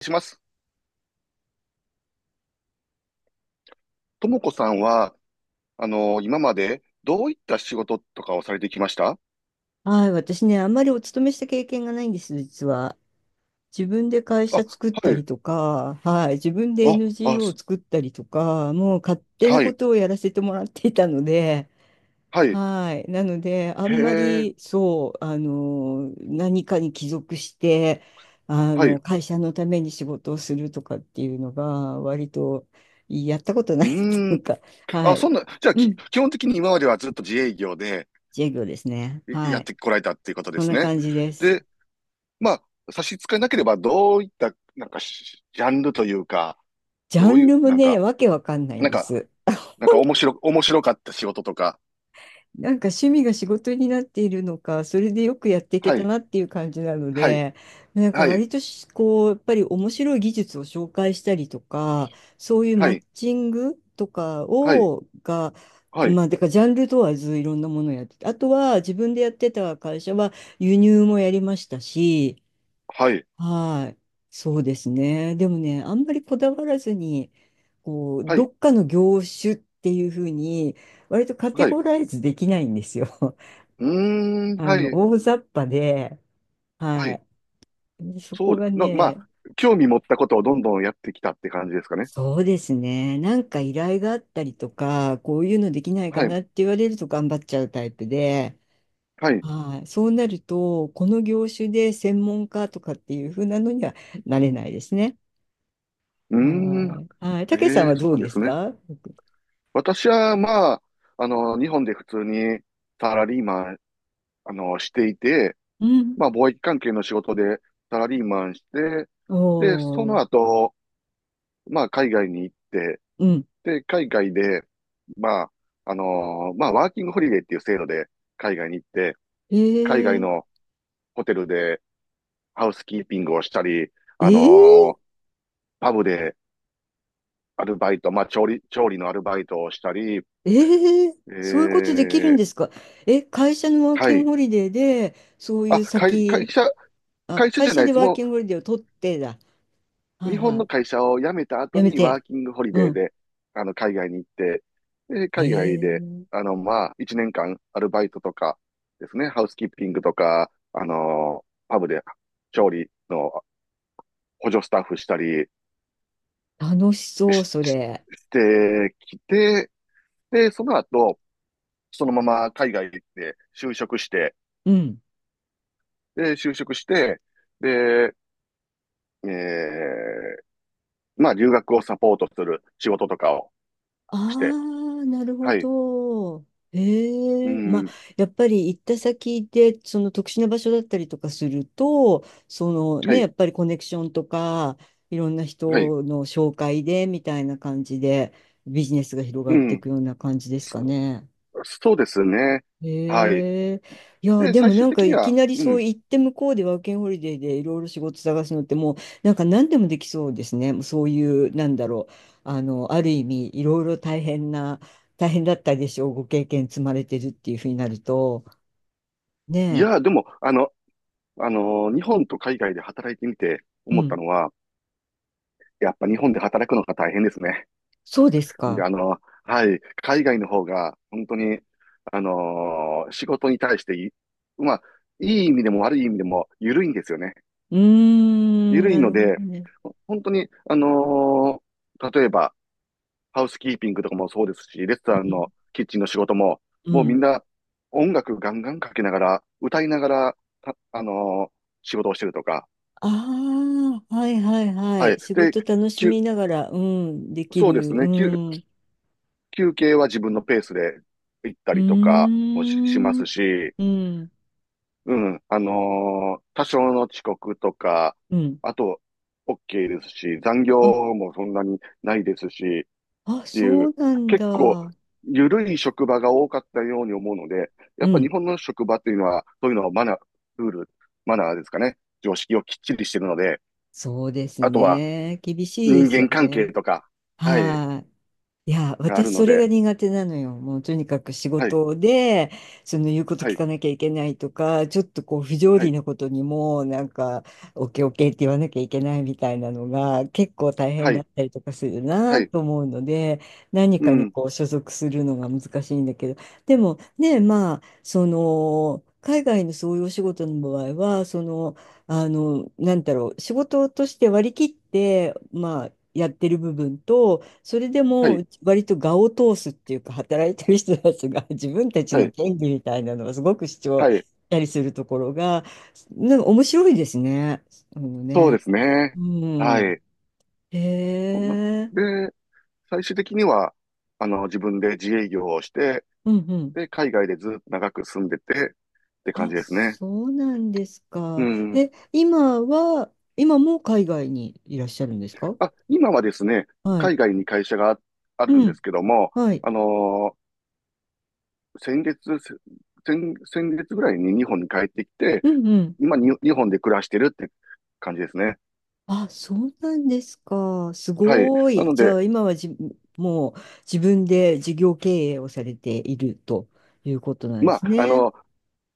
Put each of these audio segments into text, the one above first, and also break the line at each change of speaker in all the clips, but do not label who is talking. します。ともこさんは、今までどういった仕事とかをされてきました？
はい、私ね、あんまりお勤めした経験がないんです、実は。自分で会社
あ、
作っ
は
た
い。
りとか、はい、自分で
あ、あ、
NGO を
す
作ったりとか、もう勝手な
は
こ
い。
とをやらせてもらっていたので、
はい。
はい、なので、あ
へ
んま
え、
り、そう、何かに帰属して、
はい。う
会社のために仕事をするとかっていうのが、割と、やったことないって
ー
いう
ん。
か、は
あ、そ
い、
んな、じゃあ、
うん、
基本的に今まではずっと自営業で
自営業ですね。
い
は
やっ
い、
てこられたっていうことで
そん
す
な
ね。
感じです。
で、まあ、差し支えなければ、どういった、なんかし、ジャンルというか、
ジ
ど
ャ
う
ン
いう、
ルもね、わけわかんないん
なん
で
か、
す。
なんか、面白かった仕事とか。
なんか趣味が仕事になっているのか、それでよくやっていけ
は
た
い。
なっていう感じなの
はい。
で、なんか
はい。
割としこう、やっぱり面白い技術を紹介したりとか、そういう
は
マッ
い。
チングとか
はい。
を、が、
はい。
まあ、だからジャンル問わずいろんなものをやってて、あとは自分でやってた会社は輸入もやりましたし、
はい。
はい。そうですね。でもね、あんまりこだわらずに、こう、
は
ど
い。
っかの業種っていうふうに、割とカテ
はい。
ゴライズできないんですよ。
う ーん、はい、
大雑把で、
は
は
い。
い。でそ
そ
こ
うで、
が
な、まあ、
ね、
興味持ったことをどんどんやってきたって感じですかね。
そうですね。なんか依頼があったりとか、こういうのできないか
はい、
なって言われると頑張っちゃうタイプで、
はい。う
はい。そうなると、この業種で専門家とかっていうふうなのにはなれないですね。
ーん、
はい。はい。たけさん
ええ、
は
そう
どう
なんで
で
す
す
ね。
か？
私は、まあ、日本で普通にサラリーマン、していて、
うん。
まあ、貿易関係の仕事でサラリーマンして、で、そ
お
の
ー。
後、まあ、海外に行って、
うん。
で、海外で、まあ、まあ、ワーキングホリデーっていう制度で海外に行って、海外
え
の
え
ホテルで、ハウスキーピングをしたり、
え
あの
え
ーパブでアルバイト、まあ、調理のアルバイトをしたり、
ええ、
え
そういうことできるんで
ー、
すか？え、会社のワー
は
キン
い。
グホリデーで、そうい
あ、
う
会、会
先、
社、
あ、
会社じ
会
ゃな
社
いで
で
す。
ワー
も
キングホリデーを取ってだ。
う、
は
日
い
本
は
の
い。
会社を辞めた後
やめ
にワ
て。
ーキングホリ
う
デー
ん。
で、海外に行って、で、海外で、
ええ、
まあ、1年間アルバイトとかですね、ハウスキーピングとか、パブで調理の補助スタッフしたり
楽しそう、
し、
そ
し
れ。
してきて、で、その後、そのまま海外で就職して、
うん。
で、就職して、で、えー、まあ、留学をサポートする仕事とかを
あ
して、
あ、なるほ
はい、
ど。
う
ええ、まあ、
ん、
やっぱり行った先で、その特殊な場所だったりとかすると、その
は
ね、や
い、
っぱりコネクションとか、いろんな
はい、
人の紹介で、みたいな感じで、ビジネスが広がっ
う
てい
ん、
くような感じですか
そ
ね。
そうですね。はい。
へえ。いや、
で、
で
最
もな
終
ん
的
か
に
いき
は、
なり
う
そう
ん、
行って向こうでワーキングホリデーでいろいろ仕事探すのってもうなんか何でもできそうですね。もうそういう、なんだろう。ある意味いろいろ大変な、大変だったでしょう。ご経験積まれてるっていうふうになると。
い
ね
や、でも、日本と海外で働いてみて
え。う
思った
ん。
のは、やっぱ日本で働くのが大変ですね。
そうです
で、
か。
はい、海外の方が、本当に、仕事に対してまあ、いい意味でも悪い意味でも、緩いんですよね。
うーん、
緩い
な
の
るほ
で、
どね。
本当に、例えば、ハウスキーピングとかもそうですし、レスト
う
ラン
ん。
のキッチンの仕事も、
う
もうみん
ん。
な、音楽ガンガンかけながら、歌いながら、たあのー仕事をしてるとか、
ああ、はいはいは
は
い。
い。
仕
で、
事楽し
休
みながら、うん、でき
そうです
る。う
ね、
ん。
休憩は自分のペースで行った
うー
りとかもしま
ん。
すし、
うん。
うん。多少の遅刻とか、
うん。
あと、OK ですし、残業
あ、
もそんなにないですし、
あ、
ってい
そ
う、
うなん
結構、
だ。
緩い職場が多かったように思うので、や
う
っぱ日
ん。
本の職場っていうのは、そういうのはマナー、ルール、マナーですかね。常識をきっちりしてるので、
そうです
あとは
ね。厳しいで
人
すよ
間関係
ね。
とか、はい、
はい。いや、
がある
私
の
それが
で、
苦手なのよ。もうとにかく仕
はい、
事で、その言うこと
は
聞
い、
かなきゃいけないとか、ちょっとこう不条
は
理
い、
なことにも、なんか、オッケーオッケーって言わなきゃいけないみたいなのが結構大変
は
だっ
い、
たりとかする
は
な
い、
と思うので、何
う
かに
ん、
こう所属するのが難しいんだけど、でもね、まあ、その、海外のそういうお仕事の場合は、その、なんだろう、仕事として割り切って、まあ、やってる部分と、それで
は
も
い、
割と我を通すっていうか働いてる人たちが 自分たち
は
の
い、
権利みたいなのをすごく主張
は
し
い、
たりするところがなんか面白いですね。あの
そう
ね。
ですね。
う
は
ん。
い。
へえ。
で、最終的には、自分で自営業をして、
うんうん。
で、海外でずっと長く住んでて、って感
あ、
じですね。
そうなんです
う
か。
ん。
え、今は、今も海外にいらっしゃるんですか？
あ、今はですね、
はい。
海外に会社がああるん
う
で
ん。
すけども、
はい。
あのー先月、せ先月ぐらいに日本に帰ってきて、
うんうん。
今に日本で暮らしてるって感じですね。
あ、そうなんですか。す
はい。
ご
な
い。
の
じゃ
で、
あ、今はじ、もう自分で事業経営をされているということなんで
ま
す
あ、
ね。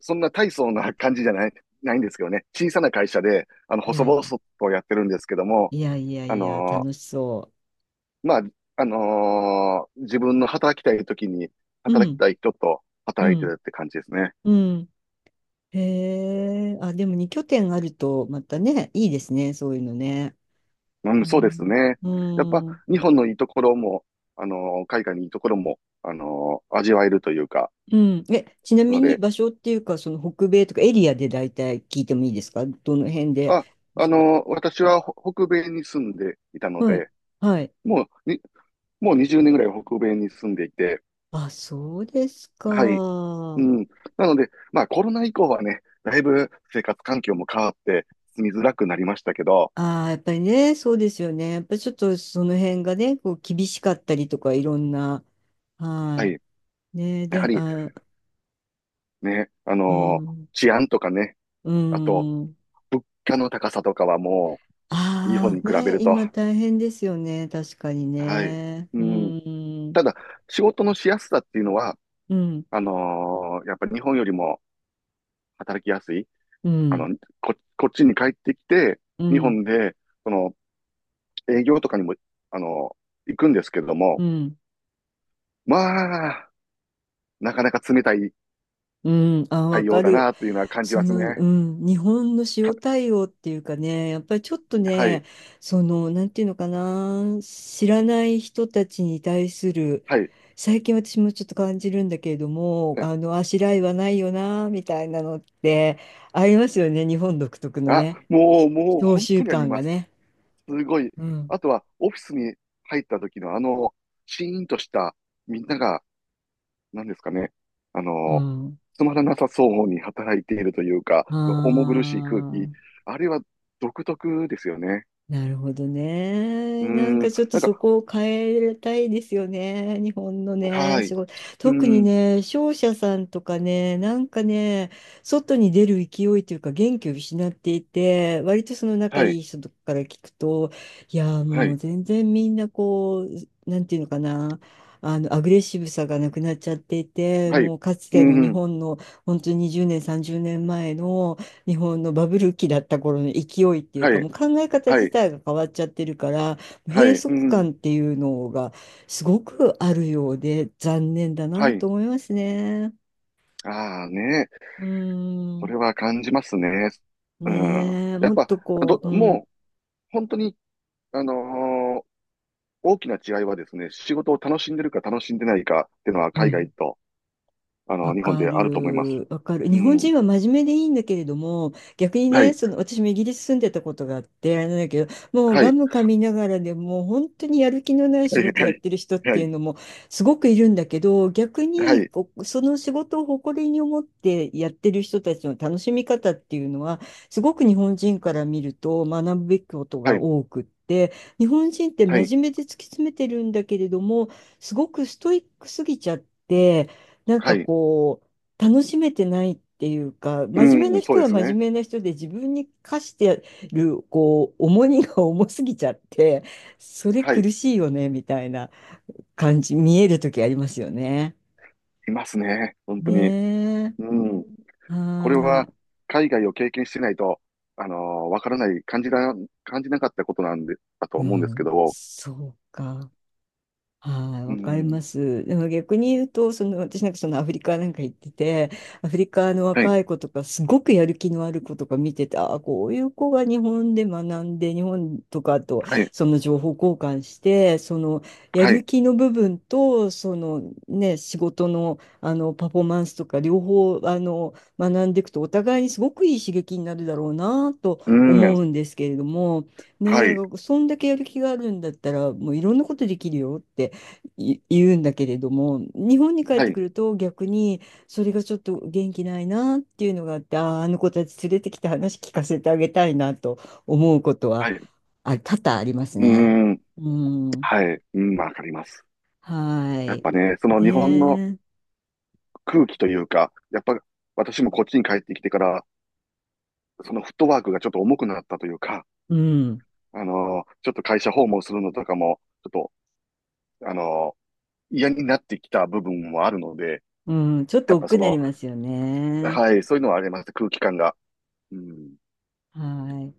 そんな大層な感じじゃないんですけどね。小さな会社で、
い
細
やい
々
や、
とやってるんですけども、
いやいや
あ
いや、
の
楽
ー
しそ
まあ、自分の働きたい時に、
う。う
働き
ん、
たい人と
う
働いて
ん、
るって感じですね。
うん。へえ、あ、でも2拠点あると、またね、いいですね、そういうのね。
う
う
ん、そうです
ん、
ね。やっぱ、
うん、
日本のいいところも、海外のいいところも、味わえるというか、
うん。え、ちなみ
の
に
で、
場所っていうか、その北米とかエリアで大体聞いてもいいですか？どの辺で
あ、
お仕事。
私は北米に住んでいたの
はい。
で、
はい。
もう、に、もう20年ぐらい北米に住んでいて、
あ、そうです
はい。う
か。
ん。なので、まあ、コロナ以降はね、だいぶ生活環境も変わって、住みづらくなりましたけど、
ああ、やっぱりね、そうですよね。やっぱりちょっとその辺がね、こう厳しかったりとか、いろんな、
は
は
い。
い。ね、
やは
で、
り、
あ、
ね、
うん、
治安とかね、
う
あと、
ん。
物価の高さとかはもう、日本
あ
に比
あ、
べる
ね、
と、
今大変ですよね。確かに
はい。
ね。
う
う
ん。
ん、
ただ、仕事のしやすさっていうのは、
うん、
やっぱ日本よりも働きやすい。
う
あの、
ん、
こっちに帰ってきて、
う
日
ん、
本で、その、営業とかにも、あの行くんですけど
う
も、
ん。
まあ、なかなか冷たい
うん、あ、わ
対
か
応だ
る。
なっていうのは感じ
そ
ます
の、う
ね。
ん、日本の
か
塩対応っていうかね、やっぱりちょっと
は
ね、
い、
その、なんていうのかな、知らない人たちに対する、
はい。
最近私もちょっと感じるんだけれども、
はい。
あしらいはないよな、みたいなのって、ありますよね、日本独特の
あ、
ね、
もう、
召
本
集
当にあり
感
ま
が
す。
ね。
すごい。
うん、
あとは、オフィスに入った時のシーンとした、みんなが、何ですかね、あ
う
の、
ん、
つまらなさそうに働いているというか、重
あ
苦しい空気、
あ、
あれは独特ですよね。
なるほど
うー
ね。なん
ん、
かちょっと
なん
そ
か、
こを変えたいですよね。日本のね、
は
仕
い、
事。
うー
特に
ん、
ね、商社さんとかね、なんかね、外に出る勢いというか元気を失っていて、割とその仲
はい、
いい人とかから聞くと、いやー、
は
もう
い、
全然みんなこう、なんていうのかな。あのアグレッシブさがなくなっちゃっていて
はい、う
もうかつ
ー
ての日
ん、
本の本当に20年30年前の日本のバブル期だった頃の勢いっていう
は
か、も
い、
う考え方
は
自
い、
体が変わっちゃってるから、
は
閉
い、う
塞
ーん、
感っていうのがすごくあるようで残念だ
は
なと
い。
思いますね。
ああね、
うー
それ
ん。
は感じますね。うん。
ねえ、
やっ
もっ
ぱ、
とこう、うん。
もう、本当に、あのー大きな違いはですね、仕事を楽しんでるか楽しんでないかっていうのは
う
海外
ん、
と、
わ
日本
か
であると思います。
る、わかる。
う
日本
ん。
人は真面目でいいんだけれども、逆に
は
ね、
い。
その私もイギリス住んでたことがあって、あれなんだけど、もう
は
ガ
い。
ム噛みながらでもう本当にやる気のない仕
はい。
事
は
やっ
い。
てる人っ
は
てい
い。
うのもすごくいるんだけど、逆
は
に
い。
こうその仕事を誇りに思ってやってる人たちの楽しみ方っていうのは、すごく日本人から見ると学ぶべきこと
は
が
い。
多くって、日本人って
はい。
真面目で突き詰めてるんだけれども、すごくストイックすぎちゃって、なん
は
か
い。
こう、楽しめてないっていうか、
う
真面目な
ん。そ
人
うで
は
す
真
ね。
面目な人で自分に課してる、こう、重荷が重すぎちゃって、それ
はい。
苦しいよね、みたいな感じ、見える時ありますよね。
いますね。本当
ね
に。
え。
うん。
は
これは、
ーい。
海外を経験してないと、わからない、感じなかったことなんで、だと
う
思うんですけ
ん。
ど、
そうか。はい、
う
わかり
ん。
ます。でも逆に言うと、その私なんかそのアフリカなんか行ってて、アフリカの
はい。
若い子とか、すごくやる気のある子とか見てて、ああ、こういう子が日本で学んで、日本とかと
はい。
その情報交換して、そのや
は
る
い。
気の部分と、そのね、仕事の、あのパフォーマンスとか、両方あの学んでいくと、お互いにすごくいい刺激になるだろうなと
うん。
思うんですけれども、
は
ね、
い。
そんだけやる気があるんだったら、もういろんなことできるよって。い言うんだけれども、日本に帰っ
は
てく
い。
ると逆にそれがちょっと元気ないなっていうのがあって、ああ、あの子たち連れてきて話聞かせてあげたいなと思うことは、
はい。
あ、多々あります
う
ね。
ん。
うん。
はい。うん。わかります。
は
やっ
い。
ぱね、その日本の
ねえ。
空気というか、やっぱ私もこっちに帰ってきてから、そのフットワークがちょっと重くなったというか、
うん。
ちょっと会社訪問するのとかも、ちょっと、あの、嫌になってきた部分もあるので、
うん。ちょっ
や
と
っぱ
億劫
そ
になり
の、
ますよね。
はい、そういうのはあります、空気感が。うん
はい。